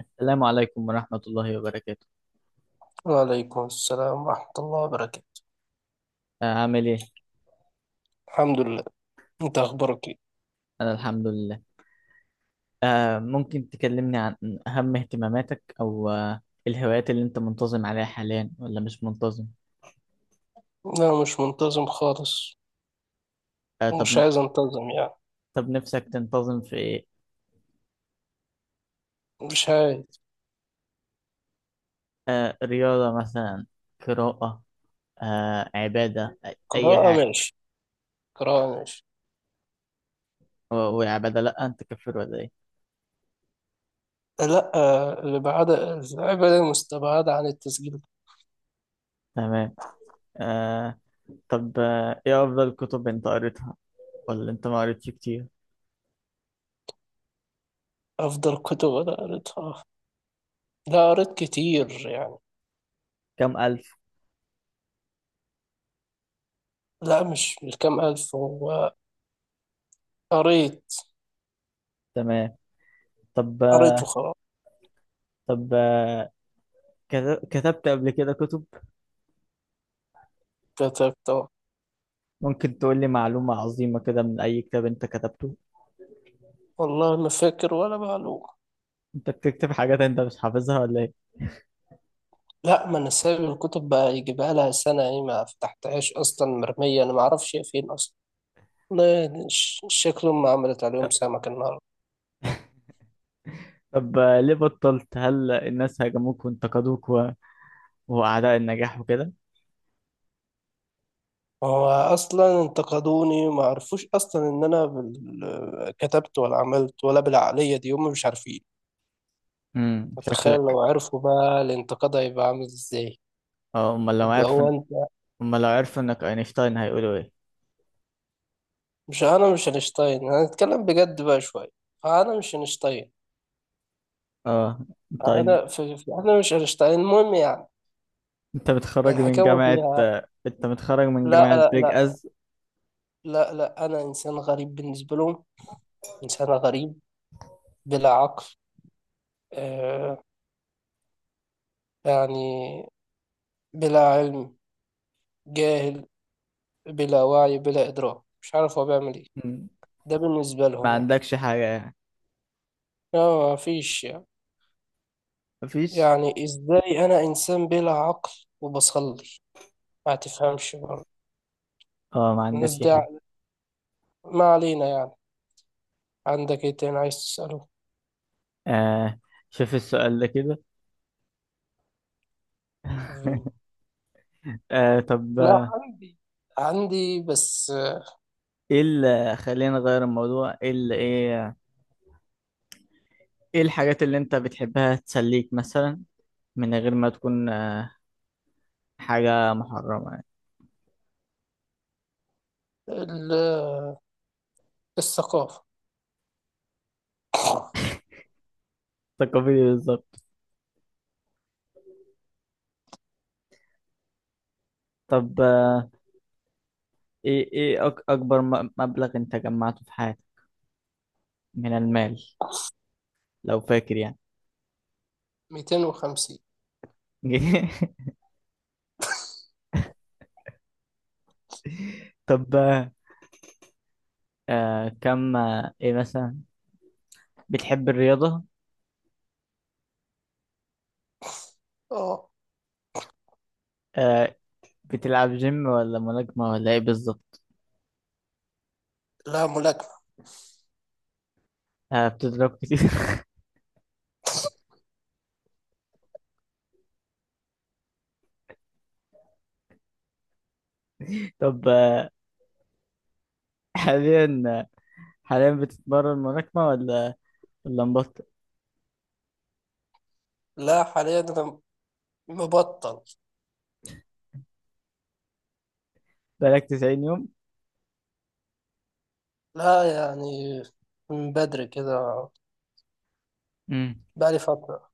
السلام عليكم ورحمة الله وبركاته. وعليكم السلام ورحمة الله وبركاته. عامل إيه؟ الحمد لله. انت اخبارك ايه؟ أنا الحمد لله. ممكن تكلمني عن أهم اهتماماتك أو الهوايات اللي أنت منتظم عليها حاليا ولا مش منتظم؟ لا، مش منتظم خالص. طب. ومش عايز انتظم يعني. طب نفسك تنتظم في إيه؟ مش عايز. رياضة مثلا، قراءة، عبادة، أي قراءة حاجة. ماشي. قراءة ماشي. وعبادة، لأ أنت كفر ولا إيه؟ لا. الإبعادة الإبعادة العبادة مستبعدة عن التسجيل. تمام. آه، طب، إيه أفضل كتب أنت قريتها ولا أنت ما قريتش كتير؟ أفضل كتب أنا قريتها. لا، قريت كتير يعني. كم ألف؟ لا، مش كام ألف هو. قريت. تمام. طب، قريت وخلاص. طب آه، كتبت قبل كده كتب؟ كتبت. ممكن تقول لي معلومة عظيمة كده من أي كتاب أنت كتبته. والله ما فاكر ولا معلومة. أنت بتكتب حاجات أنت مش حافظها ولا إيه؟ لا، ما انا سايب الكتب بقى يجيبها لها سنة ايه، ما فتحتهاش اصلا، مرمية انا ما اعرفش هي فين اصلا. والله شكلهم ما عملت عليهم سمك النهاردة. طب، ليه بطلت؟ هل الناس هاجموك وانتقدوك وأعداء النجاح وكده؟ هو اصلا انتقدوني ما عرفوش اصلا ان انا كتبت ولا عملت ولا بالعقلية دي، هم مش عارفين. متخيل شكلك. لو عرفوا بقى الانتقاد هيبقى عامل ازاي. اه أمال لو اللي عارف هو إن- انت. أمال لو عرفوا إنك أينشتاين هيقولوا إيه؟ مش انا، مش اينشتاين. انا هتكلم بجد بقى شوية. انا مش اينشتاين. اه أنت أين- انا انا مش اينشتاين المهم يعني. الحكاوة فيها. أنت متخرج من لا جامعة لا بيج لا. أز؟ لا لا. أنا إنسان غريب بالنسبة لهم. إنسان غريب. بلا عقل. آه يعني. بلا علم. جاهل. بلا وعي، بلا إدراك، مش عارف هو بيعمل إيه. مم. ده بالنسبة ما لهم يعني. عندكش حاجة يعني؟ لا، ما فيش يعني. مفيش. يعني إزاي أنا إنسان بلا عقل وبصلي؟ ما تفهمش برضه اه ما الناس عندكش دي حاجة. عقل. ما علينا يعني. عندك إيه تاني عايز تسأله؟ آه شوف السؤال ده كده. طب، لا، عندي. عندي بس ايه اللي خلينا نغير الموضوع؟ ايه الحاجات اللي انت بتحبها تسليك مثلا، من غير ما تكون حاجة محرمة يعني؟ ال- الثقافة. تقابلي بالظبط. طب، ايه اكبر مبلغ انت جمعته في حياتك من المال، لو فاكر يعني؟ 250. طب، آه، آه، كم آه، ايه مثلا، بتحب الرياضة؟ اه. آه، بتلعب جيم ولا ملاكمة ولا ايه بالظبط؟ لا، ملاكمة. بتضرب كتير؟ طب، حاليا حاليا بتتمرن ملاكمة ولا اللمبات؟ لا، حاليا أنا مبطل. بقالك 90 يوم؟ لا يعني، من بدري كده. امم بقالي فترة.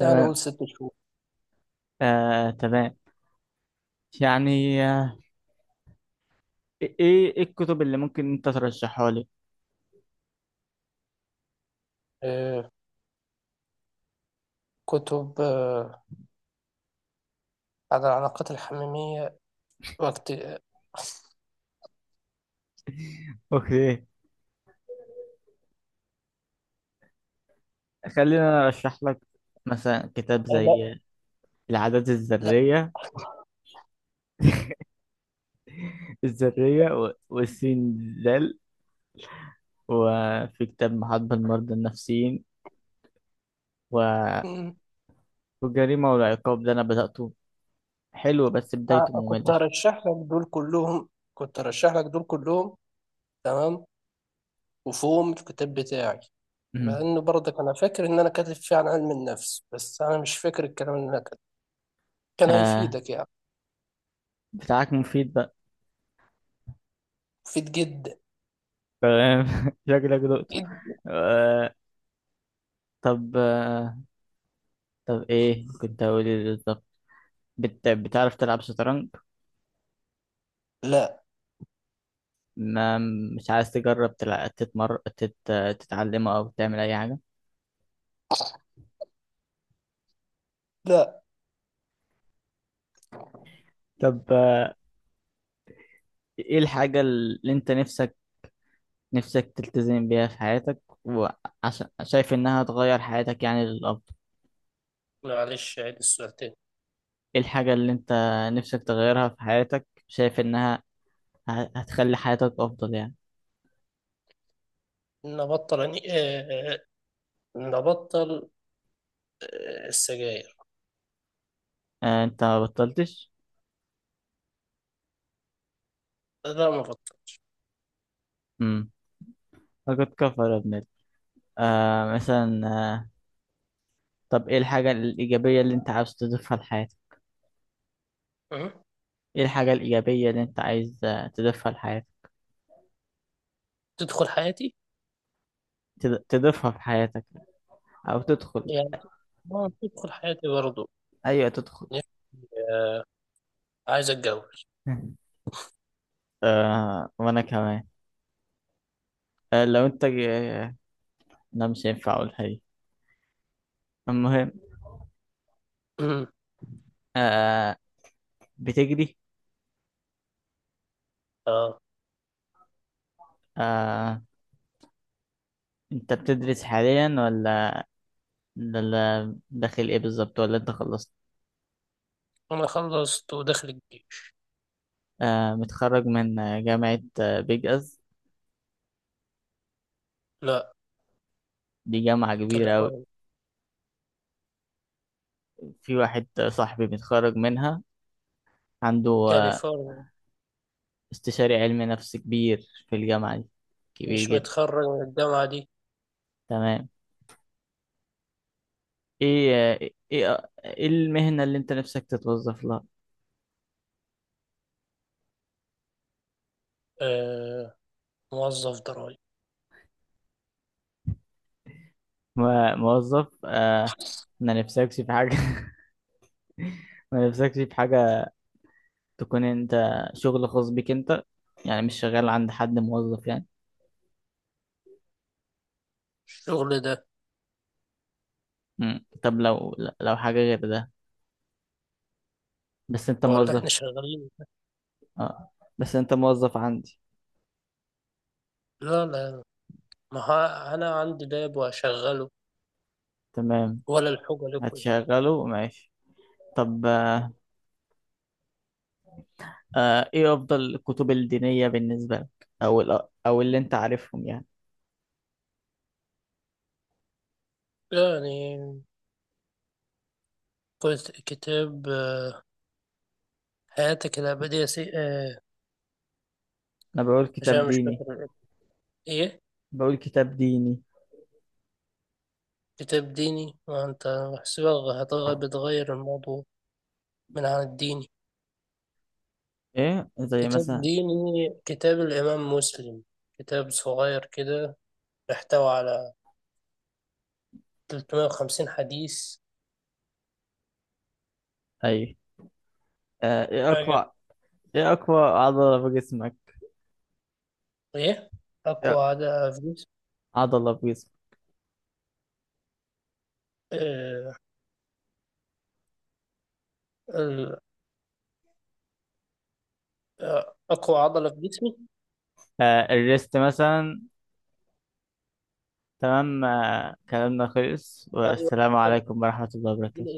يعني قول 6 شهور. تمام يعني. ايه الكتب اللي ممكن انت ترشحها لي؟ آه، كتب عن العلاقات الحميمية، وقت اوكي، خلينا انا ارشح لك. مثلا كتاب لا. زي العادات لا. الذرية، والسين ذال، وفي كتاب محاضرة المرضى النفسيين، و- مم. والجريمة والعقاب ده انا بدأته، حلو بس بدايته كنت مملة شوية. هرشح لك دول كلهم. كنت هرشح لك دول كلهم. تمام. وفيهم الكتاب بتاعي. مع امم إنه برضك أنا فاكر إن أنا كاتب فيه عن علم النفس، بس أنا مش فاكر الكلام اللي أنا كاتبه. كان آه هيفيدك يعني. بتاعك مفيد بقى؟ مفيد جدا. تمام. شكلك دقته. جدا. آه، طب، طب ايه كنت هقول؟ ايه بالظبط؟ بتعرف تلعب شطرنج؟ لا. ما، مش عايز تجرب تتعلمه او تعمل اي حاجة؟ لا. طب، ايه الحاجة اللي انت نفسك تلتزم بيها في حياتك، وعشان شايف انها تغير حياتك يعني للأفضل؟ معلش عيد السؤال تاني. ايه الحاجة اللي انت نفسك تغيرها في حياتك، شايف انها هتخلي حياتك افضل يعني؟ نبطل يعني. نبطل السجاير. انت ما بطلتش؟ لا، ما بطل. امم فقد كفر يا ابن مثلا، طب، ايه الحاجة الإيجابية اللي انت عاوز تضيفها لحياتك؟ أه؟ ايه الحاجة الإيجابية اللي انت عايز تضيفها لحياتك؟ تدخل حياتي. تضيفها في حياتك، او تدخل. يعني ما تدخل حياتي برضو. ايوه، تدخل. يعني آه عايز اتجوز. وانا كمان. لو انت لا، مش هينفع اقولها دي، المهم. أمم، آه بتجري؟ اه. آه انت بتدرس حاليا، ولا داخل ايه بالظبط، ولا انت خلصت؟ انا خلصت وداخل الجيش. متخرج من جامعة بيج اس؟ لا. دي جامعة كبيرة أوي. كاليفورنيا. في واحد صاحبي متخرج منها، عنده كاليفورنيا. استشاري علمي نفس كبير في الجامعة دي، كبير مش جدا. متخرج من الجامعة دي. تمام. ايه ايه ايه إيه المهنة اللي انت نفسك تتوظف لها؟ آه موظف ضرايب. موظف؟ ما نفسكش في حاجة؟ ما نفسكش في حاجة تكون انت، شغل خاص بيك انت، يعني مش شغال عند حد موظف يعني؟ الشغل ده. مم. طب لو حاجة غير ده، بس انت ما هو اللي احنا موظف. شغالين ده. اه بس انت موظف عندي. لا لا. ما ها- انا عندي لاب واشغله. تمام، ولا الحاجة لكم يعني. هتشغله ماشي. طب، ايه افضل الكتب الدينية بالنسبة لك، او او اللي انت عارفهم يعني؟ يعني قلت كتاب حياتك الأبدية سي... آه، انا بقول كتاب عشان مش فاكر ديني الاسم. إيه. بقول كتاب ديني كتاب ديني وأنت بحسبها بتغير الموضوع من عن الديني. ايه زي كتاب مثلا؟ ديني، كتاب الإمام مسلم. كتاب صغير كده بيحتوي على 350 حديث. ايوه. آه، ايه حاجة. اقوى ايه اقوى عضلة في جسمك؟ إيه. أقوى إيه؟ عضلة في جسمي. عضلة في جسمك. آه، ال- أقوى عضلة في جسمي. الريست مثلا. تمام، كلامنا خلص. أيوة. والسلام كتاب عليكم ورحمة الله الدين. وبركاته.